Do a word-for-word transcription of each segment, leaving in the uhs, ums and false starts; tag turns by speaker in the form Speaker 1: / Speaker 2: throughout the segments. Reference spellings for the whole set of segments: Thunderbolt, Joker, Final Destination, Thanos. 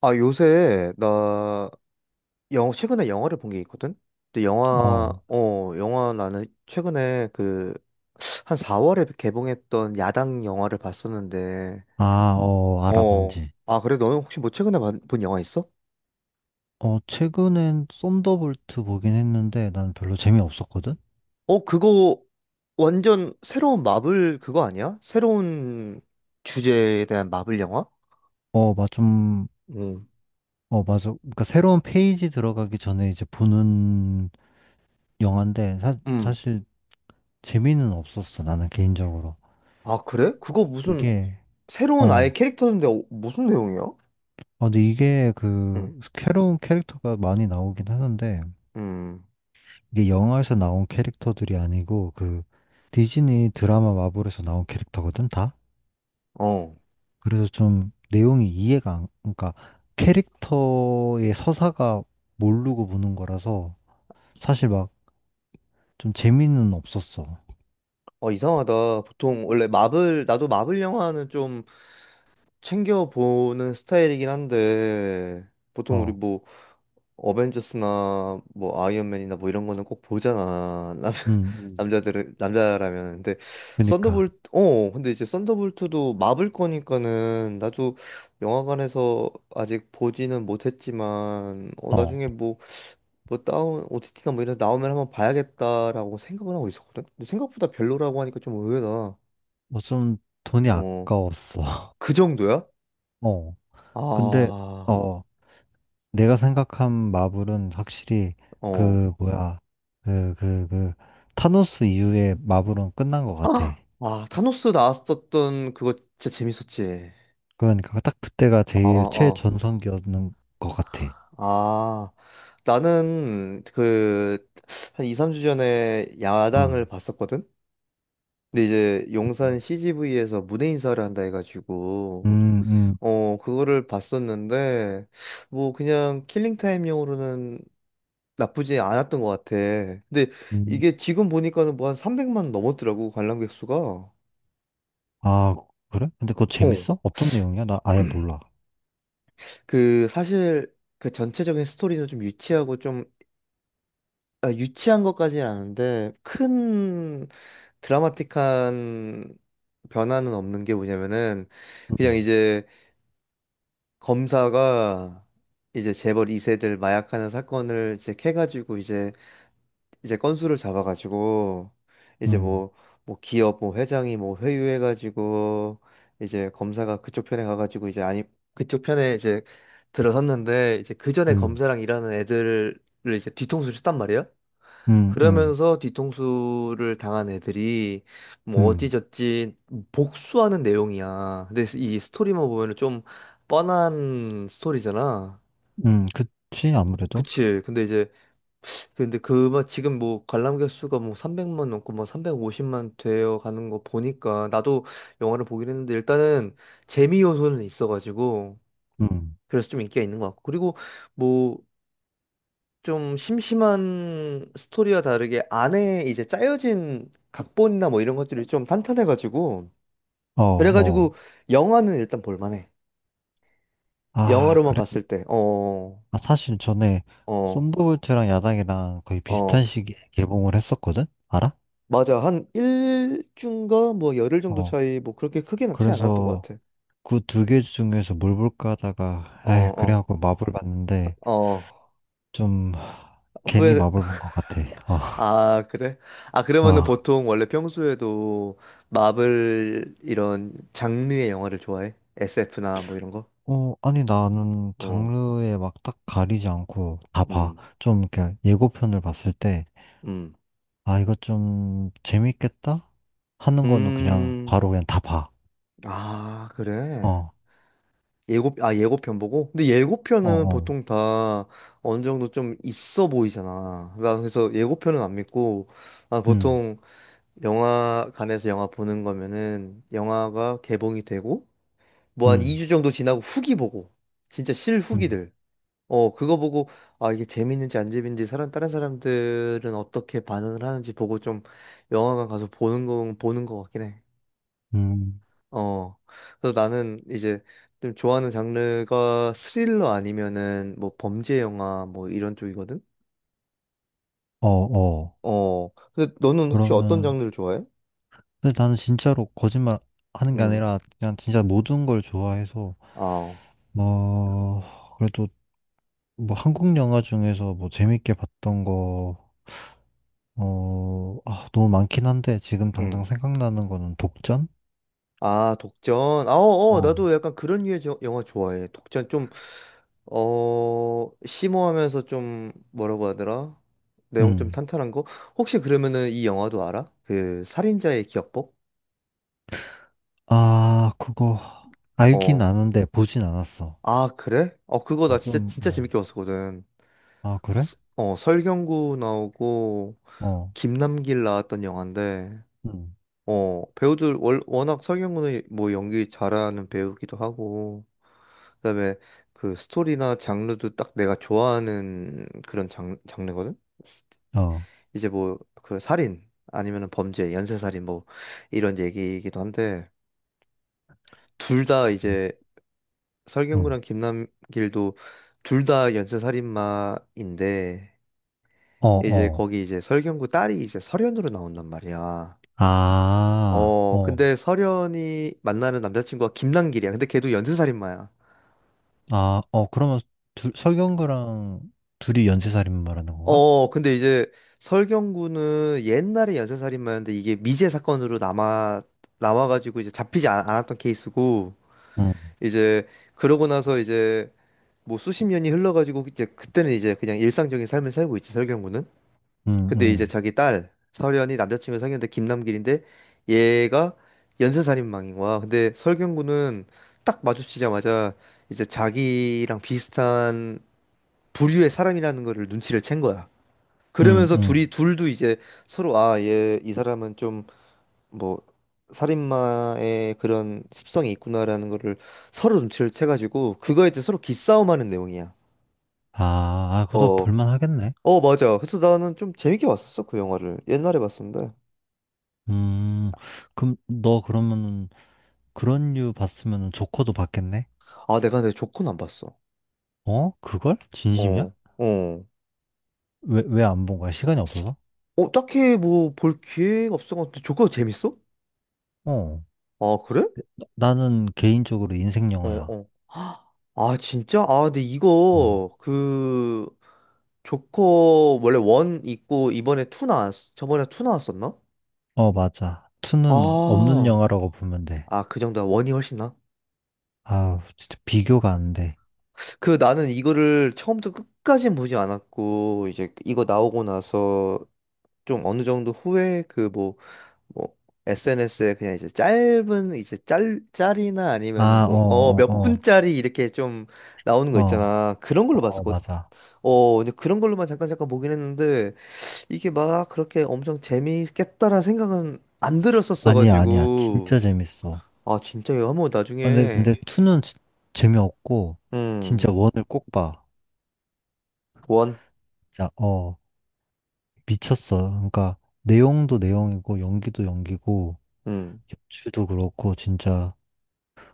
Speaker 1: 아, 요새 나 영어 최근에 영화를 본 게 있거든. 근데 영화
Speaker 2: 어,
Speaker 1: 어, 영화 나는 최근에 그 한 사월에 개봉했던 야당 영화를 봤었는데.
Speaker 2: 아, 어, 알아,
Speaker 1: 어.
Speaker 2: 뭔지.
Speaker 1: 아, 그래? 너는 혹시 뭐 최근에 봐- 본 영화 있어?
Speaker 2: 어, 최근엔 썬더볼트 보긴 했는데 난 별로 재미없었거든?
Speaker 1: 어, 그거 완전 새로운 마블 그거 아니야? 새로운 주제에 대한 마블 영화?
Speaker 2: 어, 맞 좀,
Speaker 1: 응.
Speaker 2: 어, 맞아. 그러니까 새로운 페이지 들어가기 전에 이제 보는 영화인데 사,
Speaker 1: 음.
Speaker 2: 사실 재미는 없었어, 나는 개인적으로.
Speaker 1: 아, 그래? 그거 무슨
Speaker 2: 이게,
Speaker 1: 새로운 아예
Speaker 2: 어,
Speaker 1: 캐릭터인데 어, 무슨 내용이야?
Speaker 2: 아, 근데 이게
Speaker 1: 응.
Speaker 2: 그 새로운 캐릭터가 많이 나오긴 하는데
Speaker 1: 음.
Speaker 2: 이게 영화에서 나온 캐릭터들이 아니고 그 디즈니 드라마 마블에서 나온 캐릭터거든, 다?
Speaker 1: 어.
Speaker 2: 그래서 좀 내용이 이해가 안, 그러니까 캐릭터의 서사가 모르고 보는 거라서 사실 막 좀 재미는 없었어.
Speaker 1: 어, 이상하다. 보통 원래 마블, 나도 마블 영화는 좀 챙겨보는 스타일이긴 한데, 보통 우리
Speaker 2: 어,
Speaker 1: 뭐 어벤져스나 뭐 아이언맨이나 뭐 이런 거는 꼭 보잖아. 남,
Speaker 2: 음, 음.
Speaker 1: 남자들은, 남자라면. 근데
Speaker 2: 그니까,
Speaker 1: 썬더볼트, 어, 근데 이제 썬더볼트도 마블 거니까는 나도 영화관에서 아직 보지는 못했지만, 어,
Speaker 2: 어,
Speaker 1: 나중에 뭐, 뭐 다운, 오티티나 뭐 이런 데 나오면 한번 봐야겠다라고 생각은 하고 있었거든? 근데 생각보다 별로라고 하니까 좀 의외다.
Speaker 2: 뭐좀 돈이
Speaker 1: 어,
Speaker 2: 아까웠어.
Speaker 1: 그 정도야?
Speaker 2: 어, 근데,
Speaker 1: 아,
Speaker 2: 어, 내가 생각한 마블은 확실히
Speaker 1: 어.
Speaker 2: 그, 뭐야, 그, 그, 그, 타노스 이후에 마블은 끝난 것 같아.
Speaker 1: 아, 아, 타노스 나왔었던 그거 진짜 재밌었지.
Speaker 2: 그러니까 딱 그때가
Speaker 1: 어,
Speaker 2: 제일
Speaker 1: 어, 어.
Speaker 2: 최전성기였는 것 같아.
Speaker 1: 아, 나는 그, 한 이, 삼 주 전에 야당을
Speaker 2: 음.
Speaker 1: 봤었거든? 근데 이제 용산
Speaker 2: 음,
Speaker 1: 씨지비에서 무대 인사를 한다 해가지고,
Speaker 2: 음.
Speaker 1: 어, 그거를 봤었는데, 뭐 그냥 킬링타임용으로는 나쁘지 않았던 것 같아. 근데
Speaker 2: 음.
Speaker 1: 이게 지금 보니까는 뭐 한 삼백만 넘었더라고, 관람객 수가.
Speaker 2: 아, 그래? 근데 그거
Speaker 1: 어,
Speaker 2: 재밌어? 어떤 내용이야? 나 아예 몰라.
Speaker 1: 그 사실 그 전체적인 스토리는 좀 유치하고 좀, 아, 유치한 것까지는 아닌데 큰 드라마틱한 변화는 없는 게 뭐냐면은, 그냥
Speaker 2: 음,
Speaker 1: 이제 검사가 이제 재벌 이세들 마약하는 사건을 이제 캐가지고 이제 이제 건수를 잡아가지고 이제
Speaker 2: 음,
Speaker 1: 뭐 뭐 기업 뭐 회장이 뭐 회유해가지고 이제 검사가 그쪽 편에 가가지고, 이제 아니, 그쪽 편에 이제 들어섰는데, 이제 그 전에
Speaker 2: 음,
Speaker 1: 검사랑 일하는 애들을 이제 뒤통수를 쳤단 말이에요.
Speaker 2: 음, 음,
Speaker 1: 그러면서 뒤통수를 당한 애들이 뭐
Speaker 2: 음,
Speaker 1: 어찌저찌 복수하는 내용이야. 근데 이 스토리만 보면은 좀 뻔한 스토리잖아.
Speaker 2: 음, 그치, 아무래도.
Speaker 1: 그치. 근데 이제 근데 그, 막 지금 뭐 관람객 수가 뭐 삼백만 넘고 뭐 삼백오십만 되어 가는 거 보니까, 나도 영화를 보긴 했는데, 일단은 재미 요소는 있어가지고,
Speaker 2: 음,
Speaker 1: 그래서 좀 인기가 있는 것 같고, 그리고 뭐 좀 심심한 스토리와 다르게 안에 이제 짜여진 각본이나 뭐 이런 것들이 좀 탄탄해가지고,
Speaker 2: 어, 어.
Speaker 1: 그래가지고 영화는 일단 볼만해.
Speaker 2: 아,
Speaker 1: 영화로만
Speaker 2: 그래?
Speaker 1: 봤을 때, 어.
Speaker 2: 아, 사실 전에
Speaker 1: 어,
Speaker 2: 썬더볼트랑 야당이랑 거의 비슷한
Speaker 1: 어.
Speaker 2: 시기에 개봉을 했었거든? 알아?
Speaker 1: 맞아. 한 일주인가 뭐 열흘 정도
Speaker 2: 어,
Speaker 1: 차이, 뭐 그렇게 크게는 차이 안 났던 것
Speaker 2: 그래서
Speaker 1: 같아.
Speaker 2: 그 두 개 중에서 뭘 볼까 하다가,
Speaker 1: 어,
Speaker 2: 에이, 그래
Speaker 1: 어.
Speaker 2: 하고 마블 봤는데,
Speaker 1: 어.
Speaker 2: 좀, 괜히
Speaker 1: 후회.
Speaker 2: 마블 본 것 같아. 어,
Speaker 1: 아, 그래? 아, 그러면은
Speaker 2: 어.
Speaker 1: 보통 원래 평소에도 마블 이런 장르의 영화를 좋아해? 에스에프나 뭐 이런 거?
Speaker 2: 어, 아니, 나는
Speaker 1: 어.
Speaker 2: 장르에 막 딱 가리지 않고 다 봐.
Speaker 1: 음.
Speaker 2: 좀, 이렇게 예고편을 봤을 때,
Speaker 1: 음.
Speaker 2: 아, 이거 좀 재밌겠다? 하는 거는 그냥
Speaker 1: 음.
Speaker 2: 바로 그냥 다 봐.
Speaker 1: 아, 그래.
Speaker 2: 어,
Speaker 1: 예고 아, 예고편 보고? 근데
Speaker 2: 어,
Speaker 1: 예고편은
Speaker 2: 어.
Speaker 1: 보통 다 어느 정도 좀 있어 보이잖아. 나 그래서 예고편은 안 믿고, 아,
Speaker 2: 음,
Speaker 1: 보통 영화관에서 영화 보는 거면은 영화가 개봉이 되고 뭐 한
Speaker 2: 음,
Speaker 1: 이 주 정도 지나고 후기 보고, 진짜
Speaker 2: 음,
Speaker 1: 실후기들 어 그거 보고, 아, 이게 재밌는지 안 재밌는지 사람 다른 사람들은 어떻게 반응을 하는지 보고, 좀 영화관 가서 보는 거 보는 거 같긴 해.
Speaker 2: 음.
Speaker 1: 어, 그래서 나는 이제 좀 좋아하는 장르가 스릴러 아니면은 뭐 범죄 영화 뭐 이런 쪽이거든.
Speaker 2: 어, 어.
Speaker 1: 어, 근데 너는 혹시 어떤
Speaker 2: 그러면,
Speaker 1: 장르를 좋아해?
Speaker 2: 근데 나는 진짜로 거짓말 하는 게
Speaker 1: 음.
Speaker 2: 아니라, 그냥 진짜 모든 걸 좋아해서,
Speaker 1: 아.
Speaker 2: 뭐, 그래도 뭐 한국 영화 중에서 뭐 재밌게 봤던 거, 어, 아, 너무 많긴 한데 지금 당장
Speaker 1: 음.
Speaker 2: 생각나는 거는 독전?
Speaker 1: 아, 독전. 아, 어, 어,
Speaker 2: 어,
Speaker 1: 나도 약간 그런 류의 저- 영화 좋아해. 독전 좀, 어, 심오하면서 좀, 뭐라고 하더라? 내용 좀
Speaker 2: 음.
Speaker 1: 탄탄한 거? 혹시 그러면은 이 영화도 알아? 그, 살인자의 기억법?
Speaker 2: 아, 그거 알긴
Speaker 1: 어.
Speaker 2: 아는데 보진 않았어.
Speaker 1: 아, 그래? 어, 그거 나
Speaker 2: 어,
Speaker 1: 진짜,
Speaker 2: 좀,
Speaker 1: 진짜
Speaker 2: 어,
Speaker 1: 재밌게 봤었거든.
Speaker 2: 아, 그래?
Speaker 1: 서- 어, 설경구 나오고,
Speaker 2: 어.
Speaker 1: 김남길 나왔던 영화인데,
Speaker 2: 음,
Speaker 1: 어, 배우들, 월, 워낙 설경구는 뭐 연기 잘하는 배우기도 하고, 그다음에 그 스토리나 장르도 딱 내가 좋아하는 그런 장, 장르거든.
Speaker 2: 어.
Speaker 1: 이제 뭐 그 살인 아니면은 범죄, 연쇄살인 뭐 이런 얘기이기도 한데, 둘 다 이제
Speaker 2: 음.
Speaker 1: 설경구랑 김남길도 둘 다 연쇄살인마인데,
Speaker 2: 어,
Speaker 1: 이제
Speaker 2: 어.
Speaker 1: 거기 이제 설경구 딸이 이제 설현으로 나온단 말이야.
Speaker 2: 아,
Speaker 1: 어,
Speaker 2: 어.
Speaker 1: 근데 설현이 만나는 남자친구가 김남길이야. 근데 걔도 연쇄살인마야.
Speaker 2: 아, 어, 그러면 둘, 설경구랑 둘이 연쇄살인 말하는 건가?
Speaker 1: 어, 근데 이제 설경구는 옛날에 연쇄살인마였는데, 이게 미제 사건으로 남아 남아가지고 이제 잡히지 않, 않았던 케이스고,
Speaker 2: 응,
Speaker 1: 이제 그러고 나서 이제 뭐 수십 년이 흘러가지고, 이제 그때는 이제 그냥 일상적인 삶을 살고 있지, 설경구는.
Speaker 2: 응,
Speaker 1: 근데 이제
Speaker 2: 응,
Speaker 1: 자기 딸 설현이 남자친구 사귀는데 김남길인데 얘가 연쇄살인마인 거야. 근데 설경구는 딱 마주치자마자 이제 자기랑 비슷한 부류의 사람이라는 거를 눈치를 챈 거야.
Speaker 2: 응,
Speaker 1: 그러면서 둘이,
Speaker 2: 응.
Speaker 1: 둘도 이제 서로, 아, 얘, 이 사람은 좀 뭐 살인마의 그런 습성이 있구나라는 거를 서로 눈치를 채가지고 그거에 대해 서로 기싸움하는 내용이야.
Speaker 2: 아, 아, 그것도
Speaker 1: 어,
Speaker 2: 볼만 하겠네.
Speaker 1: 어, 맞아. 그래서 나는 좀 재밌게 봤었어. 그 영화를 옛날에 봤었는데.
Speaker 2: 음, 그럼 너 그러면 그런 류 봤으면 조커도 봤겠네?
Speaker 1: 아, 내가 내 조커는 안 봤어.
Speaker 2: 어? 그걸? 진심이야?
Speaker 1: 어, 어.
Speaker 2: 왜, 왜 안 본 거야? 시간이 없어서?
Speaker 1: 어, 딱히 뭐 볼 기회가 없어가지고. 조커 재밌어?
Speaker 2: 어.
Speaker 1: 아, 그래?
Speaker 2: 나- 나는 개인적으로 인생
Speaker 1: 어,
Speaker 2: 영화야.
Speaker 1: 어. 헉, 아, 진짜? 아, 근데
Speaker 2: 어.
Speaker 1: 이거, 그, 조커, 원래 원 있고, 이번에 투 나왔, 저번에 투 나왔었나?
Speaker 2: 어, 맞아. 투는 없는
Speaker 1: 아,
Speaker 2: 영화라고 보면 돼.
Speaker 1: 아, 그 정도야. 원이 훨씬 나?
Speaker 2: 아우, 진짜 비교가 안 돼.
Speaker 1: 그, 나는 이거를 처음부터 끝까진 보지 않았고, 이제 이거 나오고 나서 좀 어느 정도 후에 그 뭐, 뭐, 에스엔에스에 그냥 이제 짧은, 이제 짤, 짤이나 아니면은
Speaker 2: 아,
Speaker 1: 뭐, 어,
Speaker 2: 어,
Speaker 1: 몇
Speaker 2: 어,
Speaker 1: 분짜리 이렇게 좀 나오는 거
Speaker 2: 어, 어,
Speaker 1: 있잖아. 그런 걸로
Speaker 2: 어, 어,
Speaker 1: 봤었거든.
Speaker 2: 맞아.
Speaker 1: 어, 근데 그런 걸로만 잠깐 잠깐 보긴 했는데, 이게 막 그렇게 엄청 재미있겠다라는 생각은 안
Speaker 2: 아니야, 아니야.
Speaker 1: 들었었어가지고.
Speaker 2: 진짜 재밌어.
Speaker 1: 아, 진짜 이거 한번
Speaker 2: 아, 근데,
Speaker 1: 나중에.
Speaker 2: 근데 투는 진- 재미없고, 진짜
Speaker 1: 음,
Speaker 2: 원을 꼭 봐.
Speaker 1: 원,
Speaker 2: 진짜, 어, 미쳤어. 그러니까, 내용도 내용이고, 연기도 연기고,
Speaker 1: 음.
Speaker 2: 도 그렇고 진짜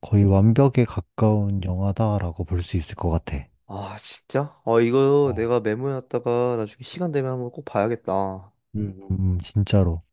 Speaker 2: 거의 완벽에 가까운 영화다라고 볼 수 있을 것 같아.
Speaker 1: 아, 진짜? 어, 이거
Speaker 2: 어.
Speaker 1: 내가 메모해놨다가 나중에 시간 되면 한번 꼭 봐야겠다.
Speaker 2: 음, 음, 진짜로.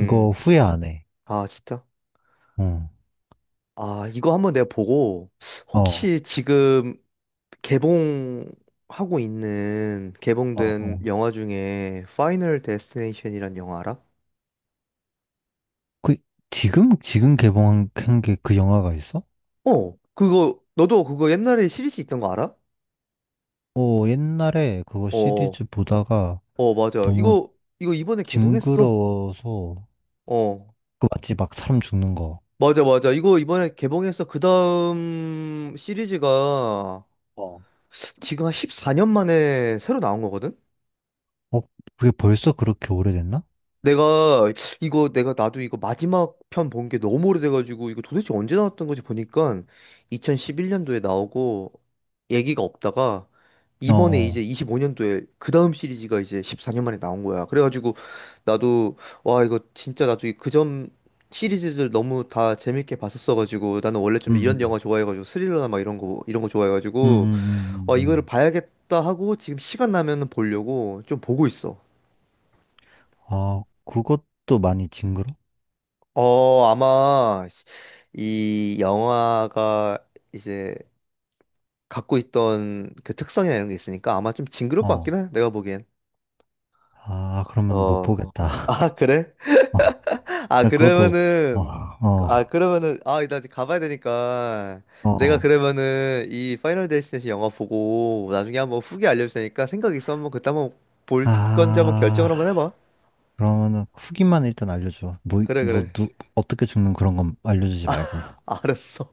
Speaker 2: 이거 후회 안 해.
Speaker 1: 아, 진짜?
Speaker 2: 응.
Speaker 1: 아, 이거 한번 내가 보고.
Speaker 2: 어,
Speaker 1: 혹시 지금 개봉하고 있는
Speaker 2: 어,
Speaker 1: 개봉된
Speaker 2: 어.
Speaker 1: 영화 중에 파이널 데스티네이션이란 영화 알아?
Speaker 2: 그, 지금, 지금 개봉한 게 그 영화가 있어?
Speaker 1: 어, 그거, 너도 그거 옛날에 시리즈 있던 거 알아?
Speaker 2: 어, 옛날에 그거
Speaker 1: 어, 어,
Speaker 2: 시리즈 보다가
Speaker 1: 어, 맞아.
Speaker 2: 너무
Speaker 1: 이거, 이거, 이번에 개봉했어.
Speaker 2: 징그러워서,
Speaker 1: 어,
Speaker 2: 그 맞지? 막 사람 죽는 거.
Speaker 1: 맞아, 맞아. 이거 이번에 개봉해서 그 다음 시리즈가
Speaker 2: 어.
Speaker 1: 지금 한 십사 년 만에 새로 나온 거거든?
Speaker 2: 어, 그게 벌써 그렇게 오래됐나?
Speaker 1: 내가 이거 내가 나도 이거 마지막 편 본 게 너무 오래돼가지고, 이거 도대체 언제 나왔던 거지 보니까 이천십일 년도에 나오고 얘기가 없다가
Speaker 2: 어,
Speaker 1: 이번에 이제
Speaker 2: 어.
Speaker 1: 이십오 년도에 그 다음 시리즈가 이제 십사 년 만에 나온 거야. 그래가지고 나도, 와, 이거 진짜 나중에, 그 전 시리즈들 너무 다 재밌게 봤었어가지고, 나는 원래
Speaker 2: 음,
Speaker 1: 좀 이런
Speaker 2: 음.
Speaker 1: 영화 좋아해가지고, 스릴러나 막 이런 거, 이런 거
Speaker 2: 음,
Speaker 1: 좋아해가지고,
Speaker 2: 음, 음,
Speaker 1: 아,
Speaker 2: 음.
Speaker 1: 이거를
Speaker 2: 음.
Speaker 1: 봐야겠다 하고, 지금 시간 나면은 보려고 좀 보고 있어.
Speaker 2: 아, 그것도 많이 징그러?
Speaker 1: 어, 아마 이 영화가 이제 갖고 있던 그 특성이나 이런 게 있으니까 아마 좀 징그러울 것
Speaker 2: 어.
Speaker 1: 같긴 해. 내가 보기엔.
Speaker 2: 아, 그러면 못 어,
Speaker 1: 어.
Speaker 2: 보겠다.
Speaker 1: 아, 그래?
Speaker 2: 어,
Speaker 1: 아,
Speaker 2: 나 그것도, 어,
Speaker 1: 그러면은 아,
Speaker 2: 어,
Speaker 1: 그러면은 아, 나 이제 가봐야 되니까, 내가
Speaker 2: 어.
Speaker 1: 그러면은 이 파이널 데스티네이션 영화 보고 나중에 한번 후기 알려줄 테니까, 생각 있어 한번, 그때 한번 볼 건지 한번 결정을 한번
Speaker 2: 아,
Speaker 1: 해봐.
Speaker 2: 그러면은 후기만 일단 알려줘. 뭐,
Speaker 1: 그래,
Speaker 2: 뭐,
Speaker 1: 그래.
Speaker 2: 누, 어떻게 죽는 그런 건 알려주지 말고.
Speaker 1: 알았어.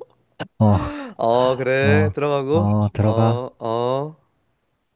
Speaker 2: 어,
Speaker 1: 어, 그래.
Speaker 2: 어,
Speaker 1: 들어가고.
Speaker 2: 어, 들어가.
Speaker 1: 어, 어.